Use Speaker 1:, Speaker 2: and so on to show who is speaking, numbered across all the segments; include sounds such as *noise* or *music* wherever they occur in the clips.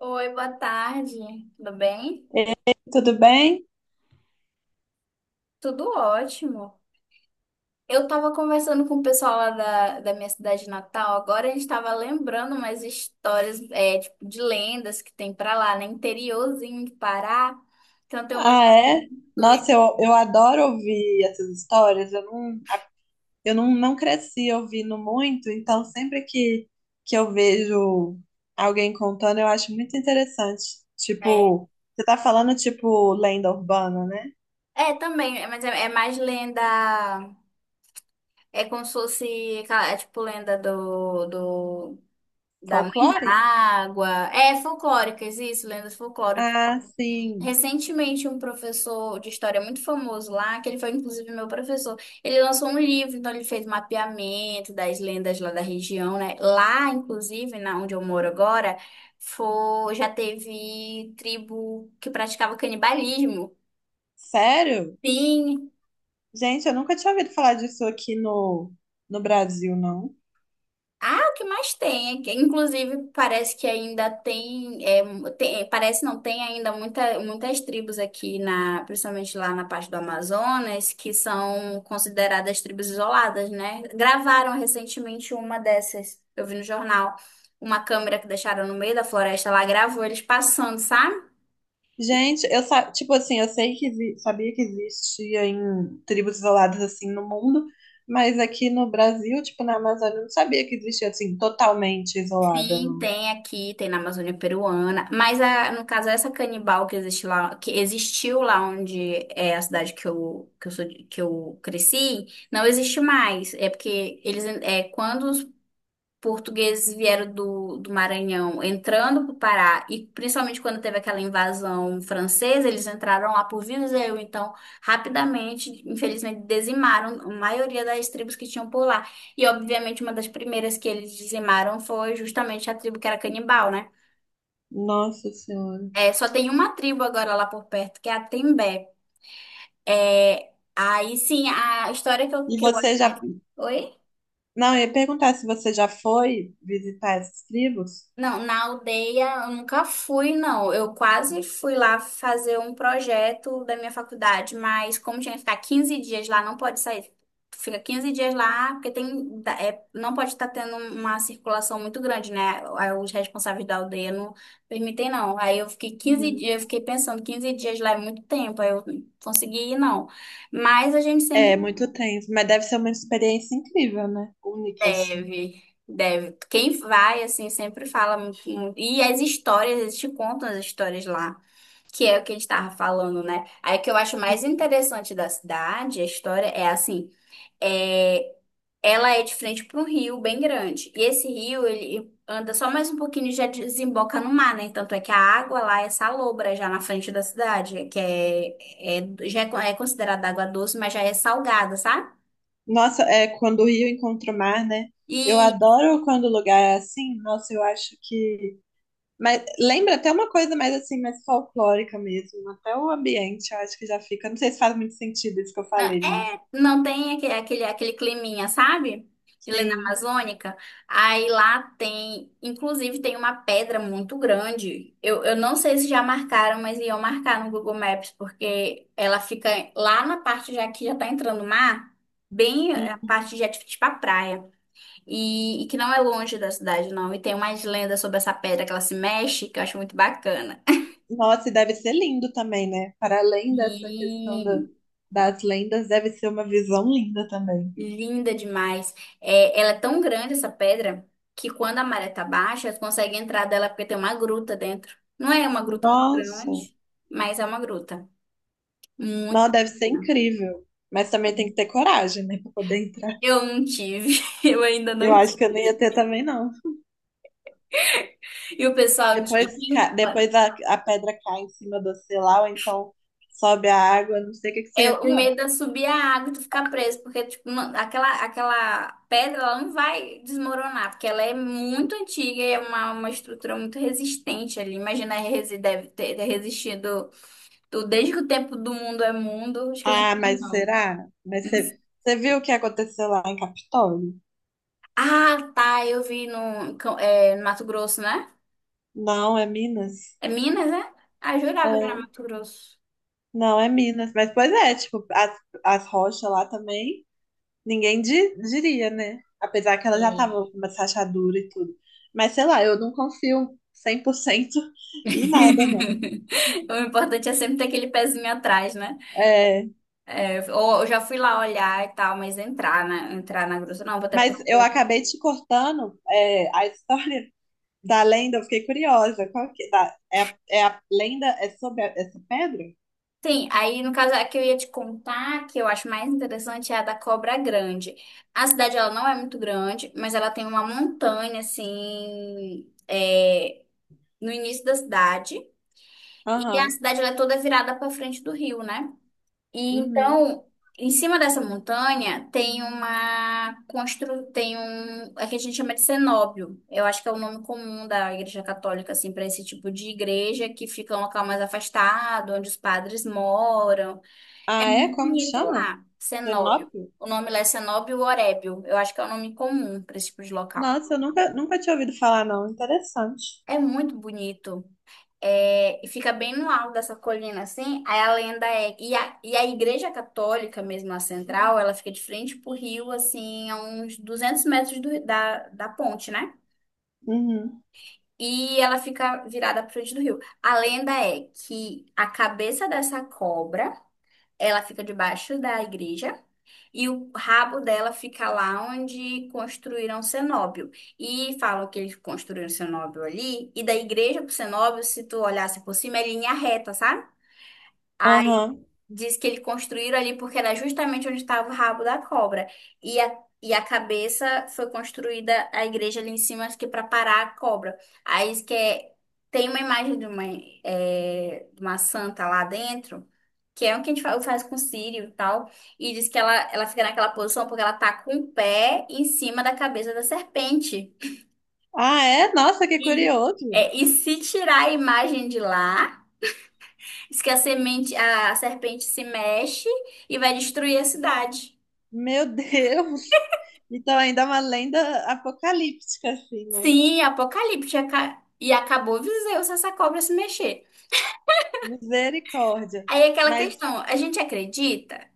Speaker 1: Oi, boa tarde. Tudo bem?
Speaker 2: Tudo bem?
Speaker 1: Tudo ótimo. Eu tava conversando com o pessoal lá da minha cidade natal. Agora a gente tava lembrando umas histórias, é, tipo, de lendas que tem pra lá, né? Interiorzinho de Pará. Então tem uma
Speaker 2: Ah, é?
Speaker 1: doida,
Speaker 2: Nossa, eu adoro ouvir essas histórias. Eu não cresci ouvindo muito, então sempre que eu vejo alguém contando, eu acho muito interessante.
Speaker 1: né?
Speaker 2: Tipo, você tá falando tipo lenda urbana, né?
Speaker 1: É, também, é, mas é mais lenda. É como se fosse, aquela- é, tipo, lenda da mãe da
Speaker 2: Folclore?
Speaker 1: água. É, folclóricas, isso, lendas folclóricas.
Speaker 2: Ah, sim.
Speaker 1: Recentemente, um professor de história muito famoso lá, que ele foi inclusive meu professor, ele lançou um livro, então ele fez mapeamento das lendas lá da região, né? Lá, inclusive, na onde eu moro agora, foi, já teve tribo que praticava canibalismo.
Speaker 2: Sério?
Speaker 1: Sim.
Speaker 2: Gente, eu nunca tinha ouvido falar disso aqui no Brasil, não.
Speaker 1: Ah, o que mais tem, é que, inclusive parece que ainda tem, parece não tem ainda muitas tribos aqui na, principalmente lá na parte do Amazonas, que são consideradas tribos isoladas, né? Gravaram recentemente uma dessas, eu vi no jornal, uma câmera que deixaram no meio da floresta, lá gravou eles passando, sabe?
Speaker 2: Gente, tipo assim, eu sei que sabia que existia em tribos isoladas assim no mundo, mas aqui no Brasil, tipo na Amazônia, eu não sabia que existia assim totalmente isolada,
Speaker 1: Sim,
Speaker 2: não.
Speaker 1: tem aqui, tem na Amazônia Peruana, mas no caso essa canibal que existe lá, que existiu lá onde é a cidade que eu que eu cresci, não existe mais. É porque eles é quando portugueses vieram do Maranhão entrando para o Pará, e principalmente quando teve aquela invasão francesa, eles entraram lá por Viseu, então rapidamente, infelizmente, dizimaram a maioria das tribos que tinham por lá. E obviamente uma das primeiras que eles dizimaram foi justamente a tribo que era canibal, né?
Speaker 2: Nossa Senhora.
Speaker 1: É, só tem uma tribo agora lá por perto, que é a Tembé. É, aí sim, a história que eu,
Speaker 2: E
Speaker 1: que eu...
Speaker 2: você já,
Speaker 1: Oi?
Speaker 2: não, eu ia perguntar se você já foi visitar essas tribos?
Speaker 1: Não, na aldeia eu nunca fui, não. Eu quase fui lá fazer um projeto da minha faculdade, mas como tinha que ficar 15 dias lá, não pode sair. Tu fica 15 dias lá, porque tem, não pode estar tendo uma circulação muito grande, né? Aí os responsáveis da aldeia não permitem, não. Aí eu fiquei quinze
Speaker 2: Uhum.
Speaker 1: dias, eu fiquei pensando, 15 dias lá é muito tempo, aí eu não consegui ir, não. Mas a gente
Speaker 2: É,
Speaker 1: sempre...
Speaker 2: muito tenso, mas deve ser uma experiência incrível, né? Única assim.
Speaker 1: Deve, deve. Quem vai, assim, sempre fala muito, muito. E as histórias, eles te contam as histórias lá, que é o que a gente tava falando, né? Aí o que eu acho mais interessante da cidade, a história, é assim, é, ela é de frente para um rio bem grande. E esse rio, ele anda só mais um pouquinho e já desemboca no mar, né? Tanto é que a água lá é salobra, já na frente da cidade, que é, é, já é considerada água doce, mas já é salgada, sabe?
Speaker 2: Nossa, é quando o rio encontra o mar, né? Eu
Speaker 1: E
Speaker 2: adoro quando o lugar é assim. Nossa, eu acho que mas lembra até uma coisa mais assim, mais folclórica mesmo. Até o ambiente, eu acho que já fica. Não sei se faz muito sentido isso que eu
Speaker 1: Não,
Speaker 2: falei, mas
Speaker 1: não tem aquele climinha, sabe? De lenda
Speaker 2: sim.
Speaker 1: amazônica. Aí lá tem, inclusive tem uma pedra muito grande. Eu não sei se já marcaram, mas iam marcar no Google Maps, porque ela fica lá na parte já que já tá entrando o mar, bem
Speaker 2: Hum.
Speaker 1: a parte já tipo a praia. E que não é longe da cidade, não. E tem umas lendas sobre essa pedra que ela se mexe, que eu acho muito bacana.
Speaker 2: Nossa, e deve ser lindo também, né? Para além dessa questão da
Speaker 1: E
Speaker 2: das lendas, deve ser uma visão linda também.
Speaker 1: Linda demais. É, ela é tão grande, essa pedra, que quando a maré tá baixa, você consegue entrar dela porque tem uma gruta dentro. Não é uma gruta muito
Speaker 2: Nossa,
Speaker 1: grande, mas é uma gruta. Muito
Speaker 2: não, deve ser
Speaker 1: bacana.
Speaker 2: incrível. Mas também tem que ter coragem, né, para poder entrar.
Speaker 1: Eu não tive, *laughs* eu ainda não
Speaker 2: Eu acho que eu não ia
Speaker 1: tive.
Speaker 2: ter também, não.
Speaker 1: E o pessoal de
Speaker 2: Depois,
Speaker 1: Rincon,
Speaker 2: depois a pedra cai em cima de você lá, ou então sobe a água, não sei o que que
Speaker 1: é
Speaker 2: seria
Speaker 1: o
Speaker 2: pior.
Speaker 1: medo é subir a água e tu ficar preso, porque tipo, aquela pedra ela não vai desmoronar, porque ela é muito antiga e é uma estrutura muito resistente ali. Imagina, deve ter resistido. Do Desde que o tempo do mundo é mundo, acho que não
Speaker 2: Ah,
Speaker 1: tinha,
Speaker 2: mas
Speaker 1: não.
Speaker 2: será? Mas
Speaker 1: Não
Speaker 2: você
Speaker 1: sei.
Speaker 2: você viu o que aconteceu lá em Capitólio?
Speaker 1: Ah, tá, eu vi no Mato Grosso, né?
Speaker 2: Não, é Minas.
Speaker 1: É Minas, né? Ah, eu jurava que era
Speaker 2: É,
Speaker 1: Mato Grosso.
Speaker 2: não, é Minas. Mas, pois é, tipo, as rochas lá também, ninguém diria, né? Apesar que elas já
Speaker 1: É.
Speaker 2: estavam com uma rachadura e tudo. Mas, sei lá, eu não confio 100% *laughs* em nada, não.
Speaker 1: *laughs* O importante é sempre ter aquele pezinho atrás, né?
Speaker 2: É,
Speaker 1: É, ou eu já fui lá olhar e tal, mas entrar, né? Entrar na grossa, não, vou até
Speaker 2: mas eu
Speaker 1: porque.
Speaker 2: acabei te cortando, é, a história da lenda, eu fiquei curiosa. Qual que, da, é, a- é a lenda, é sobre essa pedra?
Speaker 1: Sim, aí no caso a que eu ia te contar, que eu acho mais interessante, é a da Cobra Grande. A cidade ela não é muito grande, mas ela tem uma montanha assim. É, no início da cidade, e a
Speaker 2: Aham.
Speaker 1: cidade ela é toda virada para frente do rio, né? E
Speaker 2: Uhum.
Speaker 1: então, em cima dessa montanha tem tem um, é que a gente chama de cenóbio. Eu acho que é o nome comum da igreja católica assim para esse tipo de igreja que fica um local mais afastado, onde os padres moram. É
Speaker 2: Ah, é?
Speaker 1: muito
Speaker 2: Como que
Speaker 1: bonito
Speaker 2: chama?
Speaker 1: lá, cenóbio.
Speaker 2: Cenópio?
Speaker 1: O nome lá é cenóbio orébio. Eu acho que é o nome comum para esse tipo de local.
Speaker 2: Nossa, eu nunca tinha ouvido falar, não. Interessante.
Speaker 1: É muito bonito. É, e fica bem no alto dessa colina, assim. Aí a lenda é... E a igreja católica, mesmo a central, ela fica de frente pro rio, assim, a uns 200 metros do- da, da ponte, né?
Speaker 2: Uhum.
Speaker 1: E ela fica virada pra frente do rio. A lenda é que a cabeça dessa cobra, ela fica debaixo da igreja. E o rabo dela fica lá onde construíram o cenóbio. E falam que eles construíram o cenóbio ali. E da igreja pro cenóbio, se tu olhasse por cima, é linha reta, sabe? Aí
Speaker 2: Aham.
Speaker 1: diz que eles construíram ali porque era justamente onde estava o rabo da cobra. E a cabeça foi construída a igreja ali em cima, acho que para parar a cobra. Aí diz que é- tem uma imagem de uma santa lá dentro, que é o que a gente faz, com o Sírio e tal. E diz que ela fica naquela posição porque ela tá com o pé em cima da cabeça da serpente.
Speaker 2: Ah, é? Nossa, que
Speaker 1: E,
Speaker 2: curioso.
Speaker 1: e se tirar a imagem de lá. Diz que a serpente se mexe e vai destruir a cidade.
Speaker 2: Meu Deus. *laughs* Então ainda é uma lenda apocalíptica, assim, né?
Speaker 1: Sim, apocalipse. E acabou Viseu se essa cobra se mexer.
Speaker 2: Misericórdia.
Speaker 1: Aí é aquela
Speaker 2: Mas,
Speaker 1: questão, a gente acredita?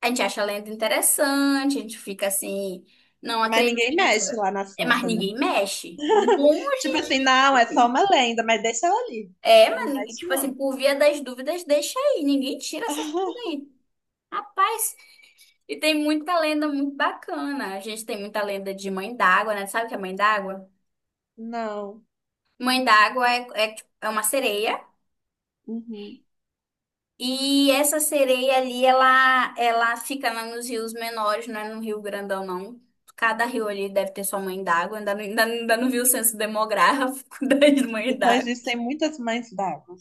Speaker 1: A gente acha a lenda interessante, a gente fica assim, não
Speaker 2: mas
Speaker 1: acredita,
Speaker 2: ninguém mexe lá na
Speaker 1: mas
Speaker 2: Santa, né?
Speaker 1: ninguém mexe. Bom,
Speaker 2: Tipo assim, não, é só uma lenda, mas deixa ela ali.
Speaker 1: é,
Speaker 2: Não
Speaker 1: mas
Speaker 2: mexe,
Speaker 1: tipo assim,
Speaker 2: não.
Speaker 1: por via das dúvidas, deixa aí, ninguém tira essa coisa
Speaker 2: *laughs*
Speaker 1: aí. Rapaz, e tem muita lenda muito bacana. A gente tem muita lenda de mãe d'água, né? Sabe o que é mãe d'água?
Speaker 2: Não.
Speaker 1: Mãe d'água é, é uma sereia.
Speaker 2: Uhum.
Speaker 1: E essa sereia ali, ela fica na- nos rios menores, não é no rio grandão, não. Cada rio ali deve ter sua mãe d'água. Ainda não vi o censo demográfico *laughs* das mães
Speaker 2: Então
Speaker 1: d'água.
Speaker 2: existem muitas mães d'água.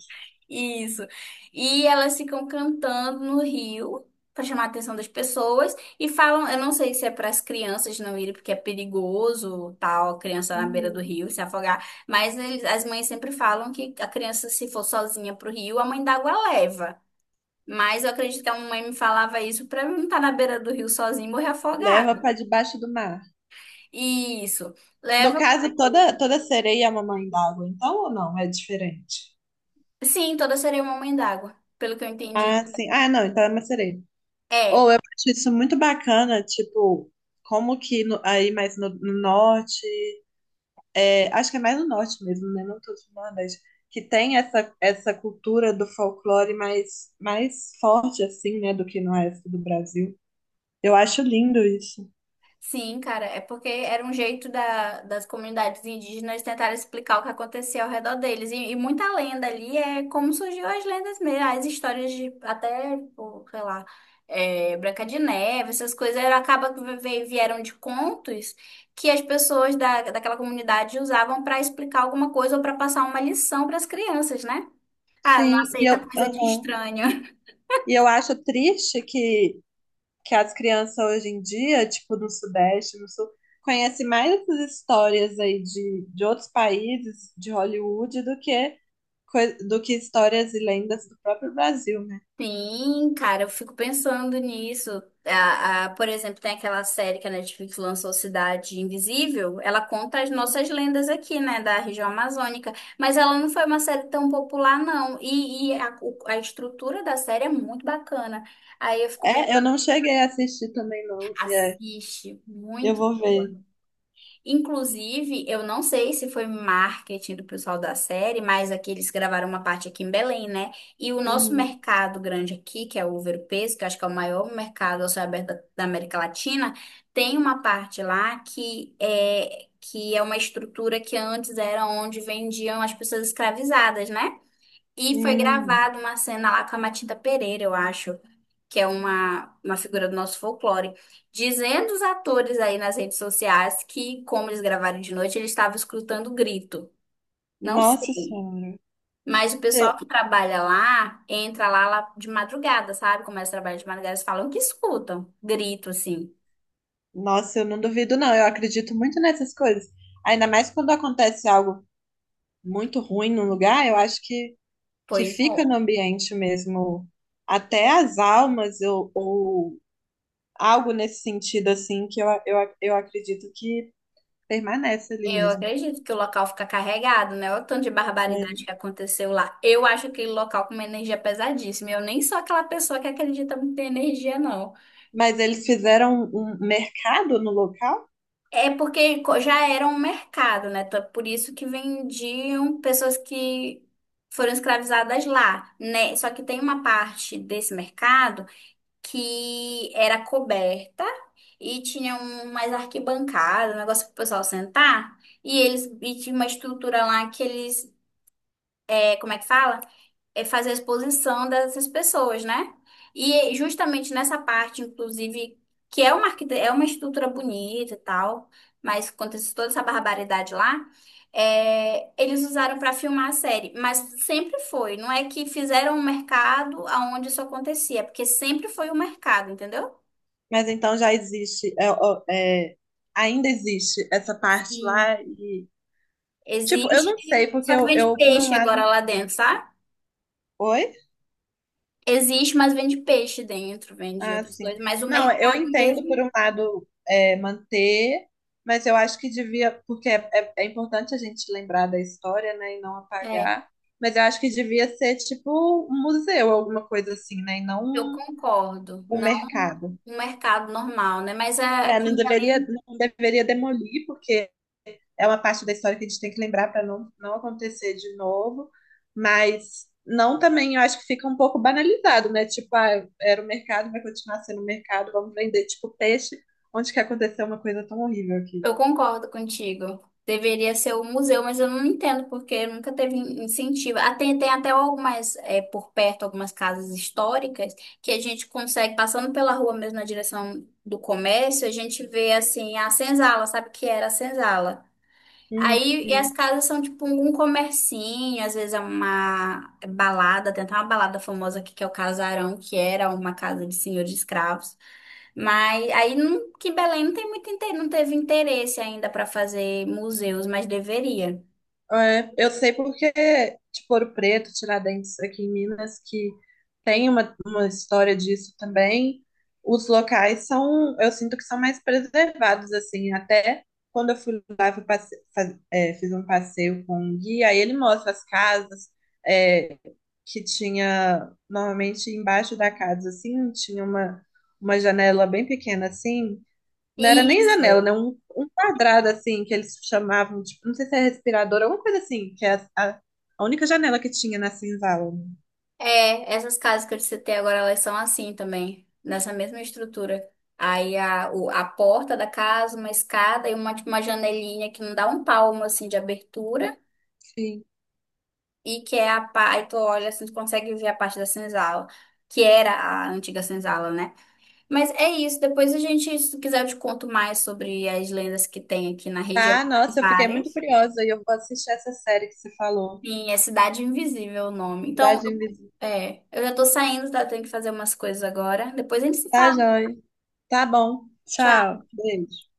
Speaker 1: Isso. E elas ficam cantando no rio para chamar a atenção das pessoas e falam, eu não sei se é para as crianças não irem porque é perigoso, tal, a criança na beira do
Speaker 2: Uhum.
Speaker 1: rio se afogar, mas as mães sempre falam que a criança se for sozinha pro rio, a mãe d'água leva. Mas eu acredito que a mãe me falava isso para não estar na beira do rio sozinha e morrer
Speaker 2: Leva
Speaker 1: afogada.
Speaker 2: para debaixo do mar.
Speaker 1: Isso.
Speaker 2: No
Speaker 1: Leva.
Speaker 2: caso, toda sereia é uma mãe d'água, então ou não? É diferente.
Speaker 1: Sim, toda sereia é uma mãe d'água, pelo que eu entendi.
Speaker 2: Ah, sim. Ah, não, então é uma sereia.
Speaker 1: É.
Speaker 2: Acho isso muito bacana, tipo, como que aí mais no norte, é, acho que é mais no norte mesmo, né? Não todo no Nordeste, que tem essa cultura do folclore mais forte, assim, né, do que no resto do Brasil. Eu acho lindo isso.
Speaker 1: Sim, cara, é porque era um jeito das comunidades indígenas tentarem explicar o que acontecia ao redor deles. E muita lenda ali é como surgiu as lendas mesmo, as histórias de até, pô, sei lá, é, Branca de Neve, essas coisas, era, acaba que vieram de contos que as pessoas da, daquela comunidade usavam para explicar alguma coisa ou para passar uma lição para as crianças, né? Ah, não
Speaker 2: Sim,
Speaker 1: aceita coisa de
Speaker 2: aham.
Speaker 1: estranho.
Speaker 2: E eu acho triste que as crianças hoje em dia, tipo no Sudeste, no Sul, conhecem mais essas histórias aí de outros países, de Hollywood, do que do que histórias e lendas do próprio Brasil, né?
Speaker 1: Sim, cara, eu fico pensando nisso. Por exemplo, tem aquela série que a Netflix lançou, Cidade Invisível. Ela conta as nossas lendas aqui, né, da região amazônica. Mas ela não foi uma série tão popular, não. E a estrutura da série é muito bacana. Aí eu fico
Speaker 2: É, eu
Speaker 1: pensando,
Speaker 2: não cheguei a assistir também, não. É,
Speaker 1: assiste,
Speaker 2: eu
Speaker 1: muito.
Speaker 2: vou ver.
Speaker 1: Inclusive, eu não sei se foi marketing do pessoal da série, mas aqui eles gravaram uma parte aqui em Belém, né? E o nosso
Speaker 2: Hum,
Speaker 1: mercado grande aqui, que é o Ouro-Peso, que eu acho que é o maior mercado ao céu aberto da América Latina, tem uma parte lá que é uma estrutura que antes era onde vendiam as pessoas escravizadas, né? E foi
Speaker 2: hum.
Speaker 1: gravada uma cena lá com a Matilda Pereira, eu acho, que é uma figura do nosso folclore, dizendo os atores aí nas redes sociais que, como eles gravaram de noite, eles estavam escutando grito. Não
Speaker 2: Nossa
Speaker 1: sei.
Speaker 2: Senhora.
Speaker 1: Mas o
Speaker 2: Cê-
Speaker 1: pessoal que trabalha lá entra lá, lá de madrugada, sabe? Começa a trabalhar de madrugada, eles falam que escutam grito, assim.
Speaker 2: Nossa, eu não duvido, não. Eu acredito muito nessas coisas. Ainda mais quando acontece algo muito ruim num lugar, eu acho que
Speaker 1: Pois
Speaker 2: fica
Speaker 1: é.
Speaker 2: no ambiente mesmo, até as almas ou algo nesse sentido assim que eu acredito que permanece ali
Speaker 1: Eu
Speaker 2: mesmo.
Speaker 1: acredito que o local fica carregado, né? Olha o tanto de
Speaker 2: É.
Speaker 1: barbaridade que aconteceu lá. Eu acho aquele local com uma energia pesadíssima. Eu nem sou aquela pessoa que acredita muito em energia, não.
Speaker 2: Mas eles fizeram um mercado no local,
Speaker 1: É porque já era um mercado, né? Então, é por isso que vendiam pessoas que foram escravizadas lá, né? Só que tem uma parte desse mercado que era coberta e tinha um, mais arquibancada, um negócio para o pessoal sentar. E eles e tinha uma estrutura lá que eles é, como é que fala? É fazer a exposição dessas pessoas, né? E justamente nessa parte, inclusive, que é uma, é uma estrutura bonita e tal, mas acontece toda essa barbaridade lá, é, eles usaram para filmar a série. Mas sempre foi, não é que fizeram um mercado aonde isso acontecia, é porque sempre foi o mercado, entendeu?
Speaker 2: mas então já existe, é, ainda existe essa parte
Speaker 1: Sim.
Speaker 2: lá e tipo, eu não sei
Speaker 1: Existe,
Speaker 2: porque
Speaker 1: só que
Speaker 2: eu,
Speaker 1: vende
Speaker 2: eu por um
Speaker 1: peixe
Speaker 2: lado,
Speaker 1: agora lá dentro, sabe?
Speaker 2: oi.
Speaker 1: Existe, mas vende peixe dentro, vende
Speaker 2: Ah,
Speaker 1: outras
Speaker 2: sim.
Speaker 1: coisas, mas o
Speaker 2: Não, eu
Speaker 1: mercado
Speaker 2: entendo por
Speaker 1: mesmo.
Speaker 2: um lado é, manter, mas eu acho que devia, porque é importante a gente lembrar da história, né, e não
Speaker 1: é,
Speaker 2: apagar, mas eu acho que devia ser tipo um museu, alguma coisa assim, né, e não
Speaker 1: Eu
Speaker 2: um,
Speaker 1: concordo,
Speaker 2: um
Speaker 1: não
Speaker 2: mercado.
Speaker 1: um mercado normal, né? Mas
Speaker 2: É,
Speaker 1: aqui em Belém,
Speaker 2: não deveria demolir, porque é uma parte da história que a gente tem que lembrar para não acontecer de novo, mas não também, eu acho que fica um pouco banalizado, né? Tipo, ah, era o mercado, vai continuar sendo o mercado, vamos vender tipo peixe, onde que aconteceu uma coisa tão horrível aqui.
Speaker 1: eu concordo contigo. Deveria ser o museu, mas eu não entendo porque nunca teve incentivo. Ah, tem até algumas, é, por perto, algumas casas históricas que a gente consegue, passando pela rua mesmo na direção do comércio, a gente vê assim a senzala, sabe o que era a senzala? Aí, e as
Speaker 2: Uhum.
Speaker 1: casas são tipo um comercinho, às vezes é uma balada, tem até uma balada famosa aqui que é o Casarão, que era uma casa de senhor de escravos. Mas aí não, que Belém não tem muito não teve interesse ainda para fazer museus, mas deveria.
Speaker 2: É, eu sei porque, tipo, Ouro Preto, Tiradentes, aqui em Minas, que tem uma história disso também, os locais são, eu sinto que são mais preservados, assim, até quando eu fui lá, fui passe- faz- é, fiz um passeio com um guia, aí ele mostra as casas, é, que tinha, normalmente embaixo da casa, assim, tinha uma janela bem pequena, assim, não era nem janela,
Speaker 1: Isso.
Speaker 2: né? Um quadrado assim que eles chamavam, tipo, não sei se é respirador, alguma coisa assim, que é a única janela que tinha na senzala.
Speaker 1: É, essas casas que eu te citei agora, elas são assim também, nessa mesma estrutura. Aí a, o- a porta da casa, uma escada e uma, tipo, uma janelinha que não dá um palmo assim de abertura.
Speaker 2: Sim.
Speaker 1: E que é a parte, tu olha assim, tu consegue ver a parte da senzala, que era a antiga senzala, né? Mas é isso, depois a gente, se tu quiser, eu te conto mais sobre as lendas que tem aqui na região,
Speaker 2: Tá, nossa, eu fiquei muito
Speaker 1: várias.
Speaker 2: curiosa e eu vou assistir essa série que você falou.
Speaker 1: Sim, é Cidade Invisível o nome. Então,
Speaker 2: Cidade Invisível.
Speaker 1: é, eu já tô saindo, tá? Tenho que fazer umas coisas agora. Depois a gente se
Speaker 2: Tá,
Speaker 1: fala.
Speaker 2: joia. Tá bom.
Speaker 1: Tchau.
Speaker 2: Tchau. Beijo.